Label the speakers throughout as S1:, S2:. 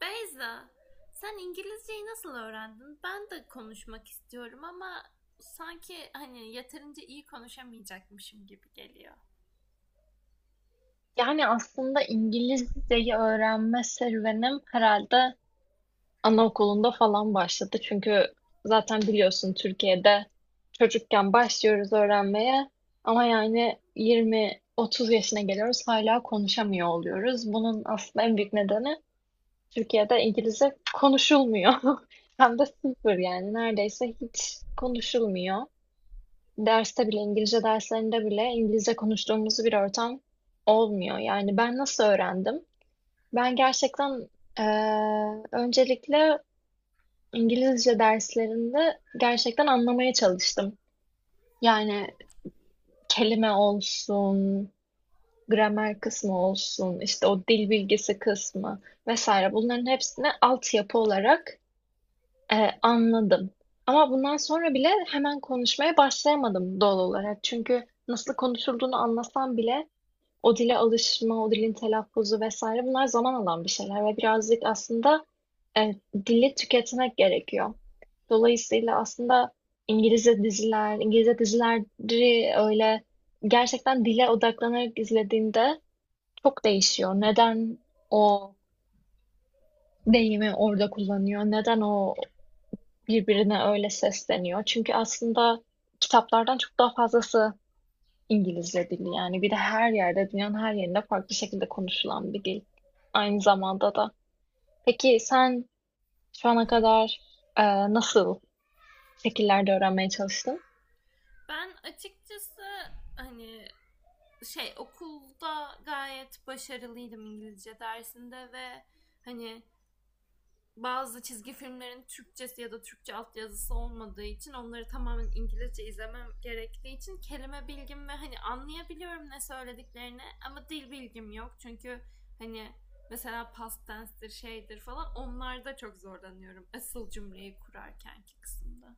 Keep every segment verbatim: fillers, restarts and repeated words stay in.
S1: Beyza, sen İngilizceyi nasıl öğrendin? Ben de konuşmak istiyorum ama sanki hani yeterince iyi konuşamayacakmışım gibi geliyor.
S2: Yani aslında İngilizceyi öğrenme serüvenim herhalde anaokulunda falan başladı. Çünkü zaten biliyorsun Türkiye'de çocukken başlıyoruz öğrenmeye ama yani yirmi otuz yaşına geliyoruz hala konuşamıyor oluyoruz. Bunun aslında en büyük nedeni Türkiye'de İngilizce konuşulmuyor. Hem de sıfır yani neredeyse hiç konuşulmuyor. Derste bile İngilizce derslerinde bile İngilizce konuştuğumuz bir ortam olmuyor. Yani ben nasıl öğrendim? Ben gerçekten, eee, öncelikle İngilizce derslerinde gerçekten anlamaya çalıştım. Yani kelime olsun, gramer kısmı olsun, işte o dil bilgisi kısmı vesaire bunların hepsini altyapı olarak, eee, anladım. Ama bundan sonra bile hemen konuşmaya başlayamadım doğal olarak. Çünkü nasıl konuşulduğunu anlasam bile o dile alışma, o dilin telaffuzu vesaire bunlar zaman alan bir şeyler ve birazcık aslında e, dili tüketmek gerekiyor. Dolayısıyla aslında İngilizce diziler, İngilizce dizileri öyle gerçekten dile odaklanarak izlediğinde çok değişiyor. Neden o deyimi orada kullanıyor? Neden o birbirine öyle sesleniyor? Çünkü aslında kitaplardan çok daha fazlası İngilizce dili yani. Bir de her yerde, dünyanın her yerinde farklı şekilde konuşulan bir dil. Aynı zamanda da. Peki sen şu ana kadar e, nasıl şekillerde öğrenmeye çalıştın?
S1: Ben açıkçası hani şey okulda gayet başarılıydım İngilizce dersinde ve hani bazı çizgi filmlerin Türkçesi ya da Türkçe altyazısı olmadığı için onları tamamen İngilizce izlemem gerektiği için kelime bilgim ve hani anlayabiliyorum ne söylediklerini, ama dil bilgim yok. Çünkü hani mesela past tense'dir şeydir falan onlarda çok zorlanıyorum, asıl cümleyi kurarkenki kısımda.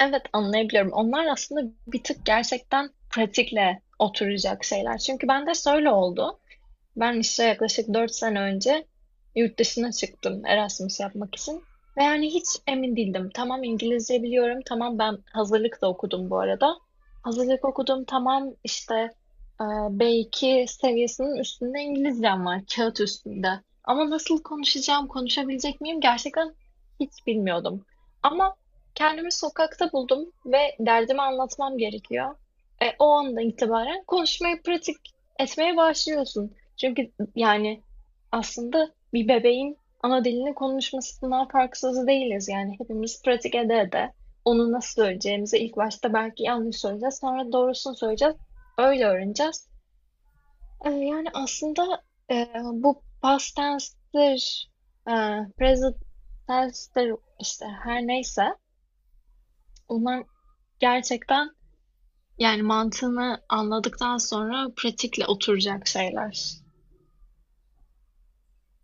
S2: Evet, anlayabiliyorum. Onlar aslında bir tık gerçekten pratikle oturacak şeyler. Çünkü bende şöyle oldu. Ben işte yaklaşık dört sene önce yurt dışına çıktım Erasmus yapmak için. Ve yani hiç emin değildim. Tamam, İngilizce biliyorum. Tamam, ben hazırlık da okudum bu arada. Hazırlık okudum. Tamam işte e, B iki seviyesinin üstünde İngilizcem var. Kağıt üstünde. Ama nasıl konuşacağım, konuşabilecek miyim gerçekten hiç bilmiyordum. Ama kendimi sokakta buldum ve derdimi anlatmam gerekiyor. E, o andan itibaren konuşmayı pratik etmeye başlıyorsun. Çünkü yani aslında bir bebeğin ana dilini konuşmasından farksız değiliz. Yani hepimiz pratik ede ede onu nasıl söyleyeceğimizi ilk başta belki yanlış söyleyeceğiz, sonra doğrusunu söyleyeceğiz, öyle öğreneceğiz. Ee, yani aslında e, bu past tense'tir, e, present tense'tir işte her neyse bunlar gerçekten yani mantığını anladıktan sonra pratikle oturacak şeyler.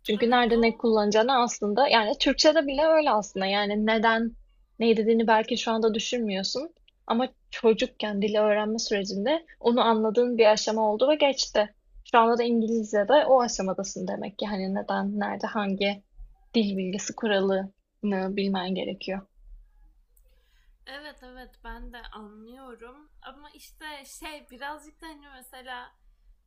S2: Çünkü
S1: Evet
S2: nerede ne
S1: o
S2: kullanacağını aslında yani Türkçe'de bile öyle aslında yani neden ne dediğini belki şu anda düşünmüyorsun ama çocukken dili öğrenme sürecinde onu anladığın bir aşama oldu ve geçti. Şu anda da İngilizce'de o aşamadasın demek ki hani neden, nerede, hangi dil bilgisi kuralını bilmen gerekiyor.
S1: Evet evet, ben de anlıyorum ama işte şey birazcık da hani mesela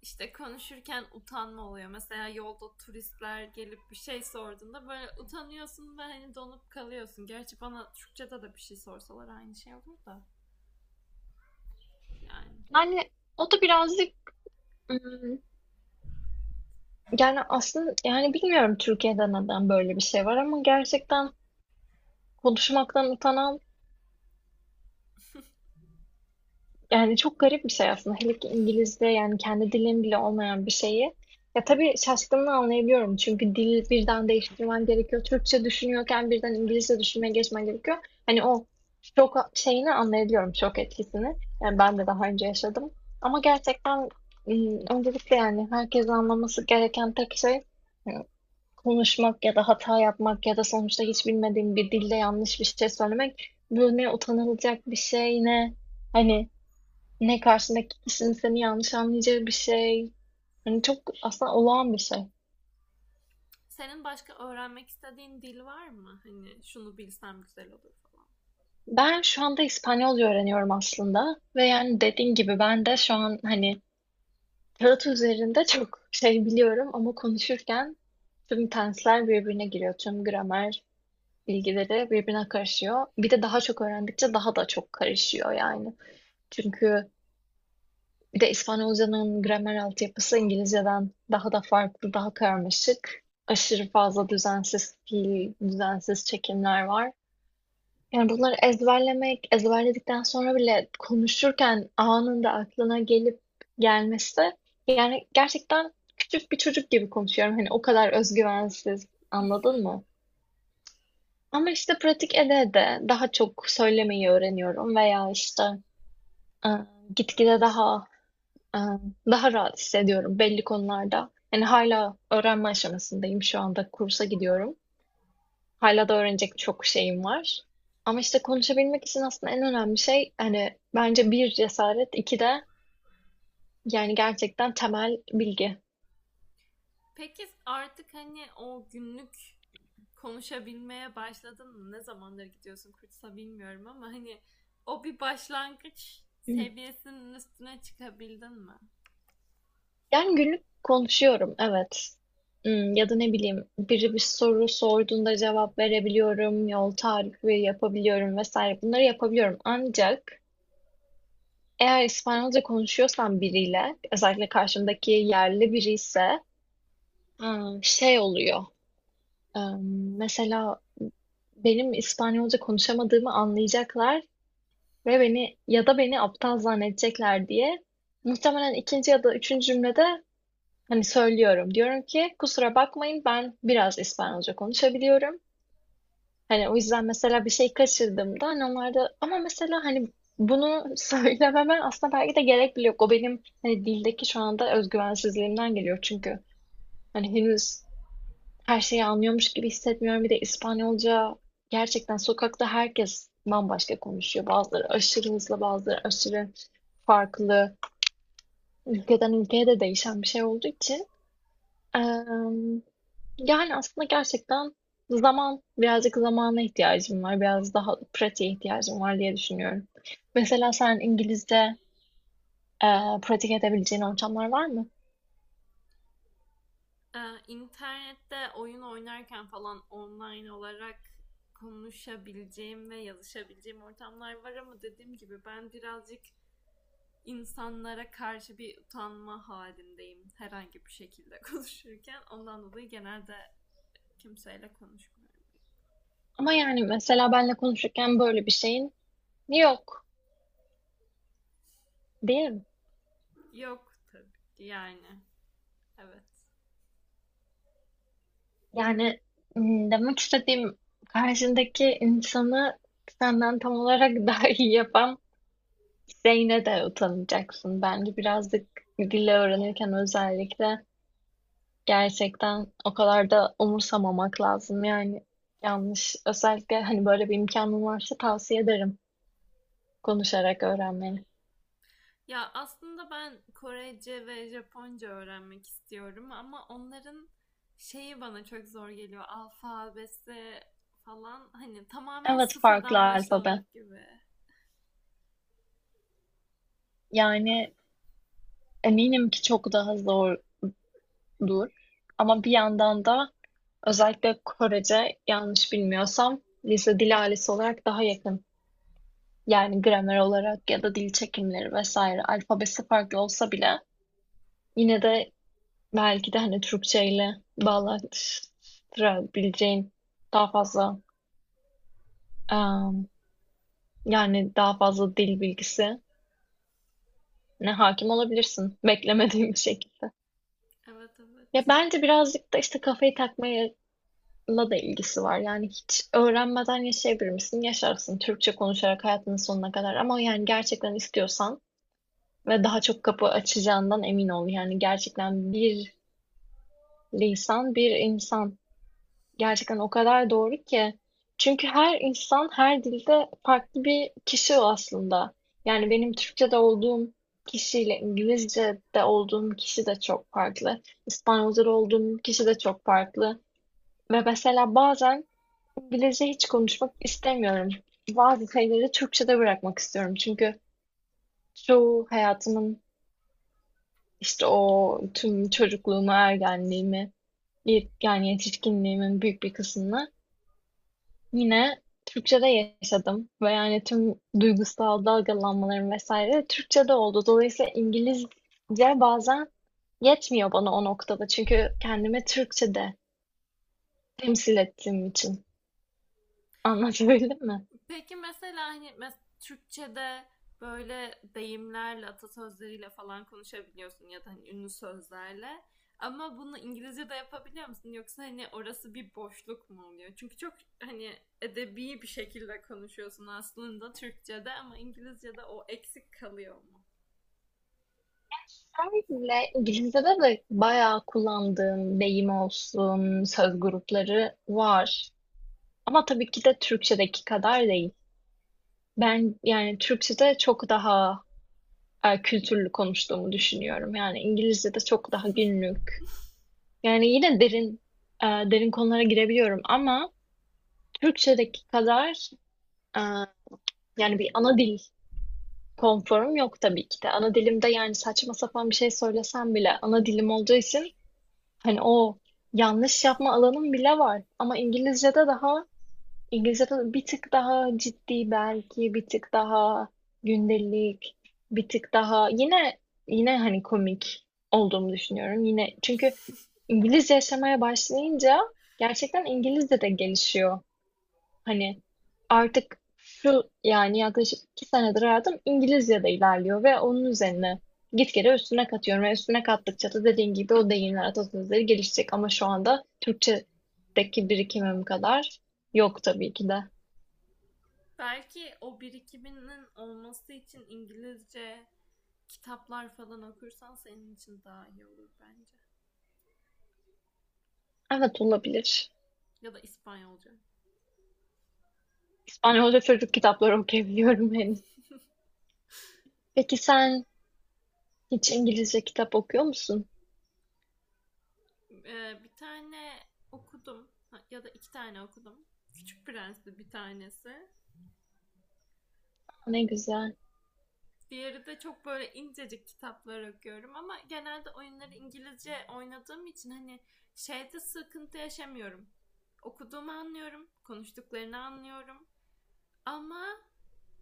S1: işte konuşurken utanma oluyor. Mesela yolda turistler gelip bir şey sorduğunda böyle utanıyorsun ve hani donup kalıyorsun. Gerçi bana Türkçe'de de bir şey sorsalar aynı şey olur da, yani.
S2: Yani o da birazcık ım, yani aslında yani bilmiyorum Türkiye'de neden böyle bir şey var ama gerçekten konuşmaktan utanan yani çok garip bir şey aslında. Hele ki İngilizce yani kendi dilin bile olmayan bir şeyi. Ya tabii şaşkınlığı anlayabiliyorum. Çünkü dil birden değiştirmen gerekiyor. Türkçe düşünüyorken birden İngilizce düşünmeye geçmen gerekiyor. Hani o şok şeyini anlayabiliyorum, şok etkisini. Yani ben de daha önce yaşadım. Ama gerçekten ım, öncelikle yani herkes anlaması gereken tek şey, ım, konuşmak ya da hata yapmak ya da sonuçta hiç bilmediğim bir dilde yanlış bir şey söylemek. Bu ne utanılacak bir şey ne hani ne karşındaki kişinin seni yanlış anlayacağı bir şey. Hani çok aslında olağan bir şey.
S1: Senin başka öğrenmek istediğin dil var mı? Hani şunu bilsem güzel olur falan.
S2: Ben şu anda İspanyolca öğreniyorum aslında ve yani dediğin gibi ben de şu an hani kağıt üzerinde çok şey biliyorum ama konuşurken tüm tensler birbirine giriyor. Tüm gramer bilgileri birbirine karışıyor. Bir de daha çok öğrendikçe daha da çok karışıyor yani. Çünkü bir de İspanyolcanın gramer altyapısı İngilizceden daha da farklı, daha karmaşık. Aşırı fazla düzensiz fiil, düzensiz çekimler var. Yani bunları ezberlemek, ezberledikten sonra bile konuşurken anında aklına gelip gelmesi, yani gerçekten küçük bir çocuk gibi konuşuyorum. Hani o kadar özgüvensiz, anladın mı? Ama işte pratik ede de daha çok söylemeyi öğreniyorum veya işte e, gitgide daha Ee, daha rahat hissediyorum belli konularda. Yani hala öğrenme aşamasındayım şu anda kursa gidiyorum. Hala da öğrenecek çok şeyim var. Ama işte konuşabilmek için aslında en önemli şey hani bence bir cesaret, iki de yani gerçekten temel bilgi.
S1: Peki artık hani o günlük konuşabilmeye başladın mı? Ne zamandır gidiyorsun kursa bilmiyorum, ama hani o bir başlangıç
S2: Hı.
S1: seviyesinin üstüne çıkabildin mi?
S2: Yani günlük konuşuyorum, evet. Hmm, ya da ne bileyim biri bir soru sorduğunda cevap verebiliyorum, yol tarifi yapabiliyorum vesaire bunları yapabiliyorum. Ancak eğer İspanyolca konuşuyorsam biriyle, özellikle karşımdaki yerli biri ise ha, şey oluyor. Em, Mesela benim İspanyolca konuşamadığımı anlayacaklar ve beni ya da beni aptal zannedecekler diye muhtemelen ikinci ya da üçüncü cümlede hani söylüyorum. Diyorum ki, kusura bakmayın ben biraz İspanyolca konuşabiliyorum. Hani o yüzden mesela bir şey kaçırdığımda hani onlar da ama mesela hani bunu söylememe aslında belki de gerek bile yok. O benim hani dildeki şu anda özgüvensizliğimden geliyor. Çünkü hani henüz her şeyi anlıyormuş gibi hissetmiyorum. Bir de İspanyolca gerçekten sokakta herkes bambaşka konuşuyor. Bazıları aşırı hızlı, bazıları aşırı farklı. Ülkeden ülkeye de değişen bir şey olduğu için. Emm, yani, aslında gerçekten zaman, birazcık zamana ihtiyacım var, biraz daha pratiğe ihtiyacım var diye düşünüyorum. Mesela sen İngilizce, eee, pratik edebileceğin ortamlar var mı?
S1: Ee, internette oyun oynarken falan online olarak konuşabileceğim ve yazışabileceğim ortamlar var, ama dediğim gibi ben birazcık insanlara karşı bir utanma halindeyim herhangi bir şekilde konuşurken. Ondan dolayı genelde kimseyle konuşmuyorum.
S2: Ama, yani, mesela benle konuşurken böyle bir şeyin yok, değil mi?
S1: Yok tabii, yani evet.
S2: Yani, ımm, demek istediğim karşındaki insanı senden tam olarak daha iyi yapan şeyine de utanacaksın. Bence birazcık dil öğrenirken özellikle gerçekten o kadar da umursamamak lazım yani yanlış. Özellikle hani böyle bir imkanın varsa tavsiye ederim konuşarak öğrenmeni.
S1: Ya aslında ben Korece ve Japonca öğrenmek istiyorum ama onların şeyi bana çok zor geliyor. Alfabesi falan hani tamamen
S2: Evet, farklı
S1: sıfırdan
S2: alfabe.
S1: başlamak gibi.
S2: Yani eminim ki çok daha zordur. Ama bir yandan da özellikle Korece yanlış bilmiyorsam lise dil ailesi olarak daha yakın. Yani gramer olarak ya da dil çekimleri vesaire alfabesi farklı olsa bile yine de belki de hani Türkçeyle bağlaştırabileceğin daha fazla em, yani daha fazla dil bilgisi ne hakim olabilirsin beklemediğin bir şekilde.
S1: Evet, evet.
S2: Ya bence birazcık da işte kafayı takmayla da ilgisi var. Yani hiç öğrenmeden yaşayabilir misin? Yaşarsın Türkçe konuşarak hayatının sonuna kadar ama yani gerçekten istiyorsan ve daha çok kapı açacağından emin ol. Yani gerçekten bir lisan bir insan gerçekten o kadar doğru ki. Çünkü her insan her dilde farklı bir kişi o aslında. Yani benim Türkçe'de olduğum kişiyle İngilizce'de olduğum kişi de çok farklı. İspanyolca'da olduğum kişi de çok farklı. Ve mesela bazen İngilizce hiç konuşmak istemiyorum. Bazı şeyleri Türkçe'de bırakmak istiyorum. Çünkü çoğu hayatımın işte o tüm çocukluğumu, ergenliğimi, yet- yani yetişkinliğimin büyük bir kısmını yine Türkçe'de yaşadım ve yani tüm duygusal dalgalanmalarım vesaire Türkçe'de oldu. Dolayısıyla İngilizce bazen yetmiyor bana o noktada. Çünkü kendimi Türkçe'de temsil ettiğim için. Anlatabildim mi?
S1: Peki mesela hani mes- Türkçe'de böyle deyimlerle, atasözleriyle falan konuşabiliyorsun ya da hani ünlü sözlerle. Ama bunu İngilizce'de yapabiliyor musun? Yoksa hani orası bir boşluk mu oluyor? Çünkü çok hani edebi bir şekilde konuşuyorsun aslında Türkçe'de, ama İngilizce'de o eksik kalıyor mu?
S2: Öyle İngilizce'de de bayağı kullandığım deyim olsun, söz grupları var. Ama tabii ki de Türkçedeki kadar değil. Ben yani Türkçede çok daha eee, kültürlü konuştuğumu düşünüyorum. Yani İngilizce'de çok daha günlük. Yani yine derin eee, derin konulara girebiliyorum ama Türkçedeki kadar eee, yani bir ana dil konforum yok tabii ki de. Ana dilimde yani saçma sapan bir şey söylesem bile ana dilim olduğu için hani o yanlış yapma alanım bile var. Ama İngilizce'de daha İngilizce'de bir tık daha ciddi belki, bir tık daha gündelik, bir tık daha yine yine hani komik olduğumu düşünüyorum. Yine çünkü İngilizce yaşamaya başlayınca gerçekten İngilizce de gelişiyor. Hani artık şu yani yaklaşık iki senedir hayatım İngilizce'de ilerliyor ve onun üzerine gitgide üstüne katıyorum ve üstüne kattıkça da dediğin gibi o deyimler, atasözleri gelişecek ama şu anda Türkçedeki birikimim kadar yok tabii ki de.
S1: Belki o birikiminin olması için İngilizce kitaplar falan okursan senin için daha iyi olur bence.
S2: Evet, olabilir.
S1: Ya da İspanyolca.
S2: İspanyolca çocuk kitapları okuyabiliyorum henüz. Peki sen hiç İngilizce kitap okuyor musun?
S1: Ee, bir tane okudum, ya da iki tane okudum. Küçük Prens'ti bir tanesi.
S2: Ne güzel.
S1: Diğeri de çok böyle incecik kitaplar okuyorum, ama genelde oyunları İngilizce oynadığım için hani şeyde sıkıntı yaşamıyorum. Okuduğumu anlıyorum, konuştuklarını anlıyorum. Ama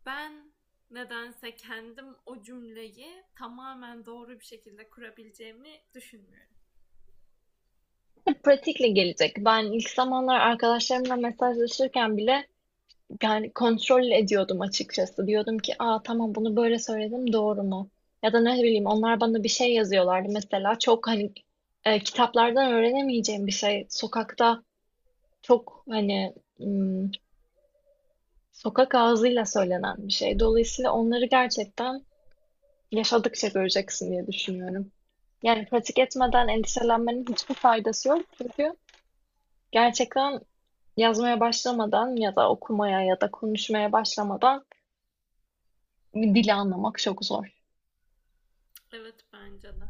S1: ben nedense kendim o cümleyi tamamen doğru bir şekilde kurabileceğimi düşünmüyorum.
S2: Pratikle gelecek. Ben ilk zamanlar arkadaşlarımla mesajlaşırken bile yani kontrol ediyordum açıkçası. Diyordum ki, "Aa tamam bunu böyle söyledim doğru mu?" Ya da ne bileyim onlar bana bir şey yazıyorlardı mesela. Çok hani e, kitaplardan öğrenemeyeceğim bir şey. Sokakta çok hani ım, sokak ağzıyla söylenen bir şey. Dolayısıyla onları gerçekten yaşadıkça göreceksin diye düşünüyorum. Yani pratik etmeden endişelenmenin hiçbir faydası yok. Çünkü gerçekten yazmaya başlamadan ya da okumaya ya da konuşmaya başlamadan dili anlamak çok zor.
S1: Evet, bence de.